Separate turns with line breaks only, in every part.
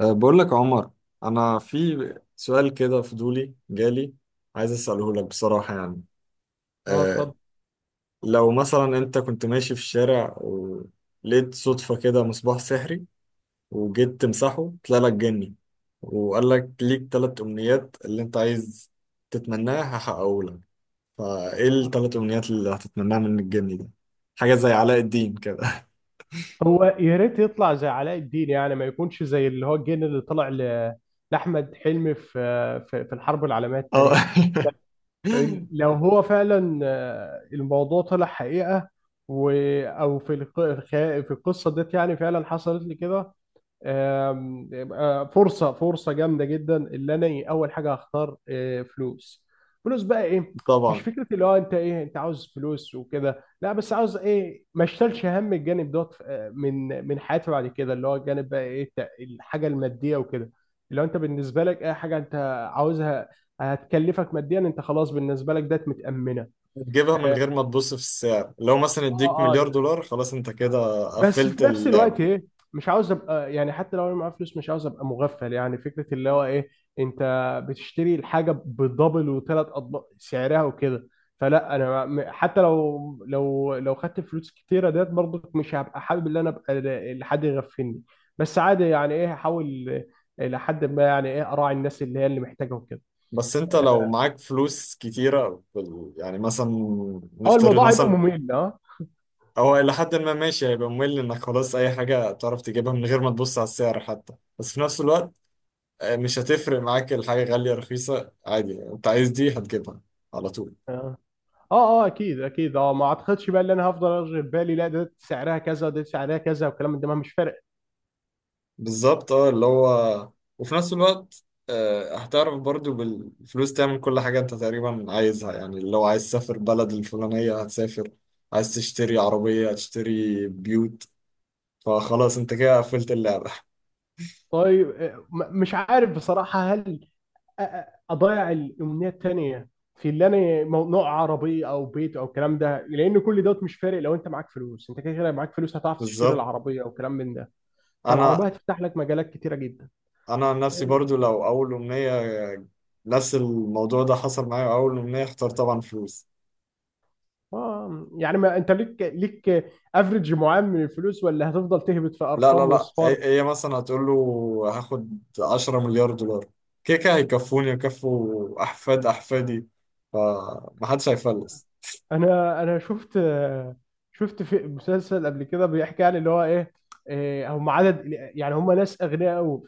بقول لك يا عمر. انا في سؤال كده فضولي جالي، عايز اساله لك بصراحه. يعني
اه،
أه
اتفضل.
لو مثلا انت كنت ماشي في الشارع ولقيت صدفه كده مصباح سحري وجيت تمسحه طلع لك جني، وقال لك ليك ثلاث امنيات اللي انت عايز تتمناها هحققه لك، فايه الثلاث امنيات اللي هتتمناها من الجني ده؟ حاجه زي علاء الدين كده.
هو يا ريت يطلع زي علاء الدين، يعني ما يكونش زي اللي هو الجن اللي طلع لأحمد حلمي في الحرب العالمية التانية.
اه.
لو هو فعلا الموضوع طلع حقيقة، و أو في القصة ديت، يعني فعلا حصلت لي كده. يبقى فرصه جامده جدا، اللي انا اول حاجه هختار فلوس. فلوس بقى ايه؟ مش
طبعا،
فكره اللي هو انت ايه، انت عاوز فلوس وكده، لا، بس عاوز ايه ما اشتلش هم الجانب دوت، من حياتي بعد كده، اللي هو الجانب بقى ايه الحاجه الماديه وكده. لو انت بالنسبه لك اي حاجه انت عاوزها هتكلفك ماديا، انت خلاص بالنسبه لك ده متامنه.
تجيبها من غير ما تبص في السعر. لو مثلا اديك
اه، اه،
مليار دولار خلاص انت
آه.
كده
بس
قفلت
في نفس
اللعبة.
الوقت ايه، مش عاوز ابقى، يعني حتى لو انا معايا فلوس مش عاوز ابقى مغفل، يعني فكره اللي هو ايه، انت بتشتري الحاجه بدبل وثلاث اضعاف سعرها وكده. فلا انا حتى لو لو خدت فلوس كتيره ديت، برضك مش هبقى حابب ان انا ابقى لحد يغفلني. بس عادي، يعني ايه، هحاول لحد ما، يعني ايه، اراعي الناس اللي هي اللي محتاجه وكده.
بس انت لو معاك فلوس كتيرة يعني مثلا،
اه
نفترض
الموضوع هيبقى
مثلا،
ممل، اه،
هو إلى حد ما ماشي. هيبقى ممل إنك خلاص أي حاجة تعرف تجيبها من غير ما تبص على السعر حتى. بس في نفس الوقت مش هتفرق معاك الحاجة غالية رخيصة، عادي أنت عايز دي هتجيبها على طول.
آه. اه، اه، اكيد اكيد، اه ما اعتقدش بقى ان انا هفضل ارجع في بالي، لا ده سعرها كذا وده سعرها كذا والكلام من ده، ما مش فارق.
بالظبط. اه اللي هو وفي نفس الوقت هتعرف برضو بالفلوس تعمل كل حاجة انت تقريبا عايزها. يعني لو عايز تسافر بلد الفلانية هتسافر، عايز تشتري عربية هتشتري، بيوت. فخلاص انت كده قفلت اللعبة.
طيب مش عارف بصراحه، هل أ- أ- اضيع الامنيه التانيه في اللي انا نوع عربيه او بيت او الكلام ده، لان كل دوت مش فارق. لو انت معاك فلوس، انت كده كده معاك فلوس، هتعرف تشتري
بالظبط.
العربيه او كلام من ده. فالعربيه
انا
هتفتح لك مجالات كتيره جدا.
انا عن نفسي برضو، لو اول امنية نفس الموضوع ده حصل معايا، اول امنية اختار طبعا فلوس.
اه، يعني ما انت ليك افريج معين من الفلوس، ولا هتفضل تهبط في
لا لا
ارقام
لا،
واصفار؟
هي مثلا هتقول له هاخد 10 مليار دولار، كده كده هيكفوني ويكفوا أحفاد أحفادي، فمحدش هيفلس.
انا شفت في مسلسل قبل كده بيحكي عن اللي هو ايه، هم عدد، يعني هم ناس اغنياء قوي.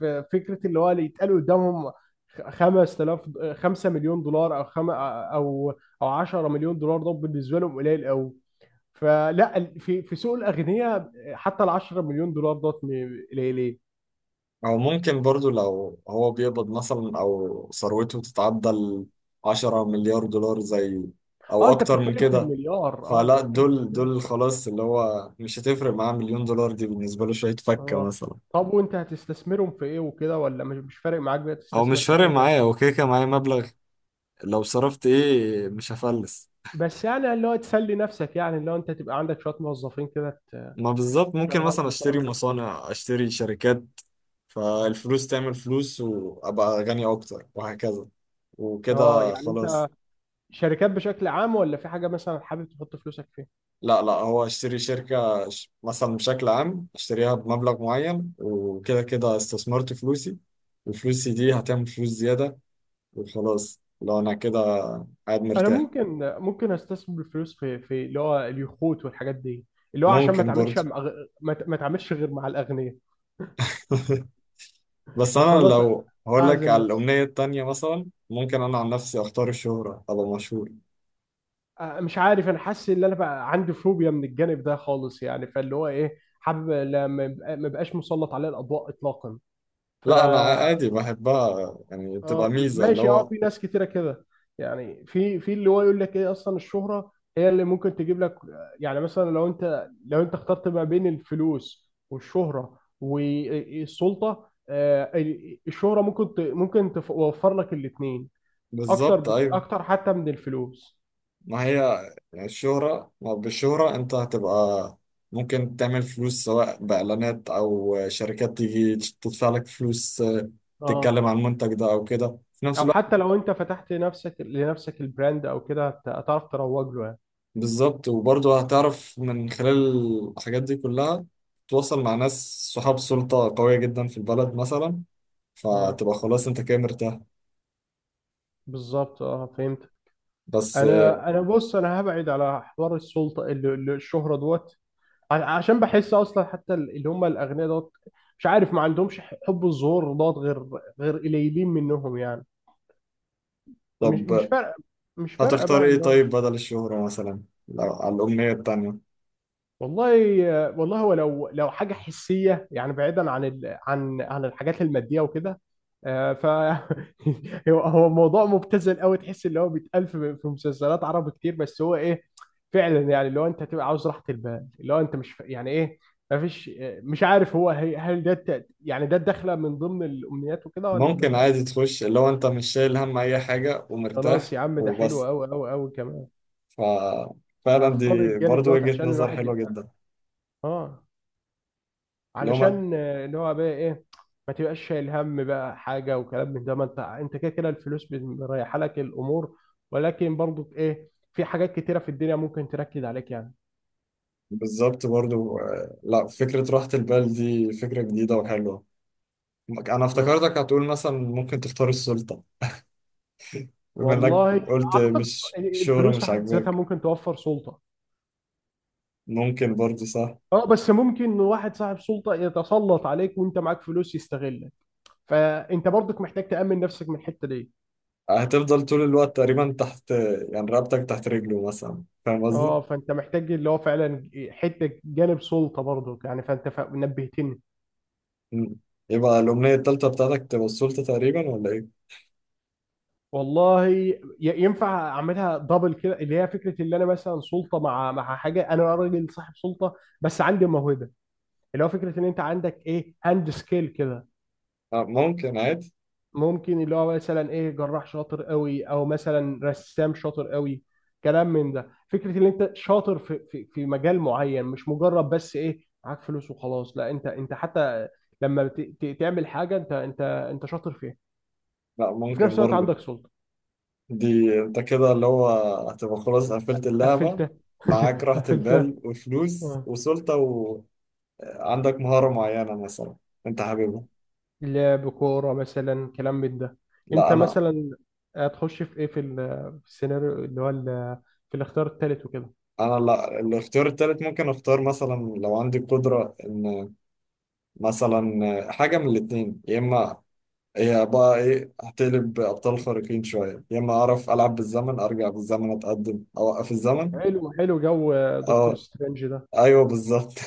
ففكره اللي هو اللي يتقال قدامهم 5000، 5 مليون دولار، او خم او او 10 مليون دولار، ده بالنسبه لهم قليل قوي. فلا في سوق الاغنياء، حتى ال 10 مليون دولار دوت قليلين.
أو ممكن برضو لو هو بيقبض مثلا، أو ثروته تتعدى ال 10 مليار دولار زي،
اه
أو
انت
أكتر من
بتتكلم في
كده.
المليار، اه انت
فلا
بتتكلم في
دول
المليار.
دول خلاص، اللي هو مش هتفرق معاه مليون دولار، دي بالنسبة له شوية فكة
اه،
مثلا.
طب وانت هتستثمرهم في ايه وكده، ولا مش فارق معاك بقى
أو
تستثمر،
مش
انت
فارق
كده.
معايا، هو كده كده معايا مبلغ لو صرفت إيه مش هفلس.
بس يعني اللي هو تسلي نفسك، يعني اللي هو انت تبقى عندك شويه موظفين كده
ما بالظبط، ممكن
تشتغلهم
مثلا اشتري
والكلام ده.
مصانع، اشتري شركات، فالفلوس تعمل فلوس وابقى غني اكتر، وهكذا
اه،
وكده
يعني
خلاص.
انت شركات بشكل عام، ولا في حاجه مثلا حابب تحط فلوسك فيها؟
لا لا، هو اشتري مثلا بشكل عام اشتريها بمبلغ معين، وكده كده استثمرت فلوسي، وفلوسي دي هتعمل فلوس زيادة، وخلاص لو انا كده قاعد
انا
مرتاح.
ممكن استثمر الفلوس في اللي هو اليخوت والحاجات دي، اللي هو عشان
ممكن برضه.
ما اتعاملش غير مع الاغنياء.
بس
اه
انا
خلاص،
لو هقول لك
اعزل
على
نفسي.
الامنية التانية، مثلا ممكن انا عن نفسي اختار الشهرة، ابقى مشهور.
اه مش عارف، انا حاسس ان انا بقى عندي فوبيا من الجانب ده خالص، يعني فاللي هو ايه، حابب ما بقاش مسلط عليه الاضواء اطلاقا. ف
لا انا عادي بحبها، يعني بتبقى
اه
ميزة اللي
ماشي، اه
هو
في ناس كتيره كده، يعني في اللي هو يقول لك ايه، اصلا الشهره هي اللي ممكن تجيب لك، يعني مثلا لو انت اخترت ما بين الفلوس والشهره والسلطه، الشهره ممكن توفر لك الاثنين،
بالظبط. ايوه،
اكتر حتى من الفلوس.
ما هي يعني الشهرة، ما بالشهرة انت هتبقى ممكن تعمل فلوس، سواء باعلانات او شركات تيجي تدفع لك فلوس
اه،
تتكلم عن المنتج ده او كده، في نفس
او
الوقت
حتى لو انت فتحت نفسك لنفسك البراند او كده، هتعرف تروج له يعني.
بالظبط. وبرضه هتعرف من خلال الحاجات دي كلها تتواصل مع ناس صحاب سلطة قوية جدا في البلد مثلا،
مم.
فتبقى خلاص انت كده مرتاح.
بالظبط، اه فهمت.
بس
انا بص، انا هبعد على حوار السلطه، الشهره دوت، عشان بحس اصلا حتى اللي هم الاغنياء دوت، مش عارف، ما عندهمش حب الظهور دوت غير قليلين منهم يعني. مش
طب
فارقه، مش فارقه
هتختار
بقى.
ايه طيب بدل الشهرة، مثلا لو على الأمنية التانية؟
والله والله، هو لو حاجه حسيه يعني، بعيدا عن عن الحاجات الماديه وكده، آه، ف هو موضوع مبتذل قوي، تحس اللي هو بيتقال في مسلسلات عربي كتير، بس هو ايه، فعلا يعني اللي هو انت تبقى عاوز راحه البال، اللي هو انت مش يعني ايه، ما فيش. مش عارف هو هل ده يعني ده الدخله من ضمن الامنيات وكده ولا
ممكن
ما.
عادي تخش اللي هو انت مش شايل هم أي حاجة
خلاص
ومرتاح،
يا عم، ده حلو
وبس.
قوي قوي قوي كمان.
ففعلا
اختار
دي
الجانب
برضو
دوت
وجهة
عشان
نظر
الواحد
حلوة
يبقى،
جدا.
اه،
اللي هما
علشان اللي هو بقى ايه، ما تبقاش شايل هم بقى حاجه وكلام من ده، ما انت كده كده الفلوس بتريح لك الامور، ولكن برضو ايه، في حاجات كتيره في الدنيا ممكن تركز عليك يعني.
بالظبط برضو لا، فكرة راحة البال دي فكرة جديدة وحلوة. أنا
مم.
افتكرتك هتقول مثلا ممكن تختار السلطة، بما إنك
والله
قلت
اعتقد
مش الشهرة
الفلوس في
مش
حد ذاتها
عاجباك.
ممكن توفر سلطه.
ممكن برضو صح.
اه، بس ممكن واحد صاحب سلطه يتسلط عليك وانت معاك فلوس، يستغلك، فانت برضك محتاج تامن نفسك من الحته دي.
هتفضل طول الوقت تقريبا تحت، يعني رقبتك تحت رجله مثلا، فاهم
اه،
قصدي؟
فانت محتاج اللي هو فعلا حته جانب سلطه برضك يعني، فانت نبهتني.
مم. يبقى الأمنية التالتة بتاعتك تبقى السلطة تقريبا، ولا إيه؟
والله ينفع اعملها دبل كده، اللي هي فكره اللي انا مثلا سلطه مع حاجه، انا راجل صاحب سلطه بس عندي موهبه، اللي هو فكره ان انت عندك ايه، هاند سكيل كده،
ممكن عادي.
ممكن اللي هو مثلا ايه، جراح شاطر قوي، او مثلا رسام شاطر قوي، كلام من ده. فكره ان انت شاطر في مجال معين، مش مجرد بس ايه معاك فلوس وخلاص، لا انت حتى لما تعمل حاجه انت شاطر فيها،
لا
وفي
ممكن
نفس الوقت
برضه.
عندك سلطه.
دي أنت كده اللي هو هتبقى خلاص قفلت اللعبة.
قفلتها.
معاك راحة
قفلتها.
البال وفلوس
آه.
وسلطة، وعندك مهارة معينة مثلا أنت حاببها.
لعب كورة مثلا كلام من ده،
لا
انت
أنا
مثلا هتخش في ايه، في السيناريو، اللي هو في الاختيار الثالث وكده.
أنا لا، الاختيار التالت ممكن أختار مثلا لو عندي قدرة، إن مثلا حاجة من الاتنين، يا إما هي بقى ايه هتقلب ابطال خارقين شويه، يا اما اعرف العب بالزمن، ارجع بالزمن، اتقدم، اوقف الزمن.
حلو حلو، جو دكتور
اه
سترينج ده.
ايوه بالظبط.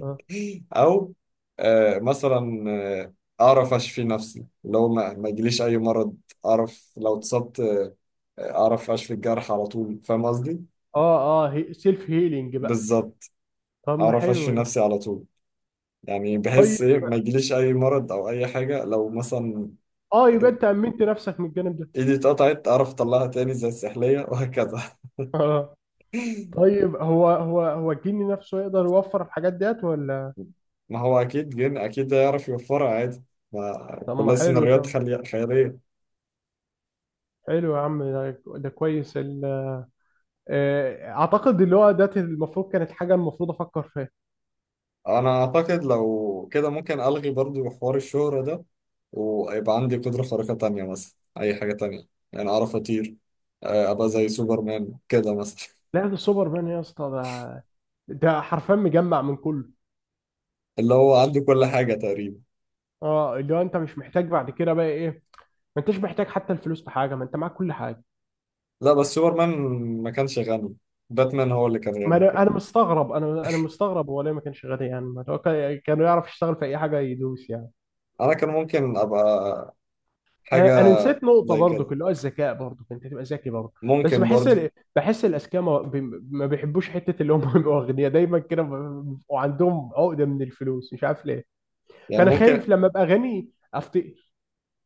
اه.
او مثلا آه، اعرف اشفي نفسي، لو ما يجيليش اي مرض. اعرف لو اتصبت اعرف اشفي الجرح على طول، فاهم قصدي.
اه, سيلف هيلينج بقى.
بالظبط،
طب ما
اعرف اشفي
حلو ده.
نفسي على طول. يعني
طيب
بحس ايه ما يجيليش اي مرض او اي حاجه. لو مثلا
اه يبقى انت امنت نفسك من الجانب ده.
ايدي اتقطعت اعرف اطلعها تاني زي السحليه وهكذا.
اه، طيب هو الجني نفسه يقدر يوفر الحاجات ديت ولا؟
ما هو اكيد جن اكيد ده يعرف يوفرها عادي، ما
طب ما
كلها
حلو
سيناريوهات
ده،
خيالية.
حلو يا عم، ده كويس اعتقد اللي هو ده المفروض كانت حاجة المفروض افكر فيها.
انا اعتقد لو كده ممكن الغي برضو حوار الشهرة ده، ويبقى عندي قدرة خارقة تانية مثلا، اي حاجة تانية. يعني اعرف اطير ابقى زي سوبرمان كده مثلا.
لا ده سوبر مان يا اسطى، ده حرفيا مجمع من كله،
اللي هو عنده كل حاجة تقريبا.
اه اللي هو انت مش محتاج بعد كده بقى ايه، ما انتش محتاج حتى الفلوس في حاجه، ما انت معاك كل حاجه.
لا بس سوبرمان ما كانش غني، باتمان هو اللي كان
ما
غني
انا
كده.
انا مستغرب، انا مستغرب، هو ليه ما كانش غني؟ يعني ما هو كان يعرف يشتغل في اي حاجه يدوس يعني.
انا كان ممكن ابقى حاجة
انا نسيت نقطه
زي
برضو،
كده.
اللي هو الذكاء برضو، انت تبقى ذكي برضو. بس
ممكن
بحس
برضه
بحس الاذكياء ما بيحبوش حته اللي هم، يبقوا اغنياء دايما كده، بيبقوا عندهم عقده من الفلوس، مش عارف ليه.
يعني
فانا
ممكن.
خايف لما ابقى غني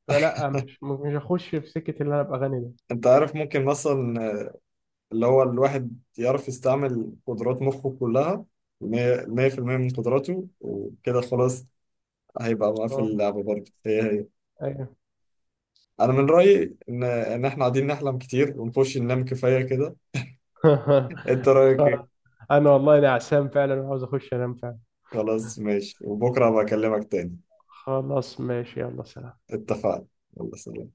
فلا مش هخش في سكة اللي انا ابقى غني ده.
انت عارف ممكن مثلا اللي هو الواحد يعرف يستعمل قدرات مخه كلها، مية 100% من قدراته، وكده خلاص هيبقى مقفل
اه،
اللعبة برضه، هي هي.
ايوه.
أنا من رأيي إن إحنا قاعدين نحلم كتير، ونخش ننام كفاية كده. أنت رأيك
خ-
إيه؟
انا والله نعسان فعلا، وعاوز اخش انام فعلا.
خلاص ماشي، وبكرة بكلمك تاني.
خلاص ماشي، يلا سلام.
اتفقنا، يلا سلام.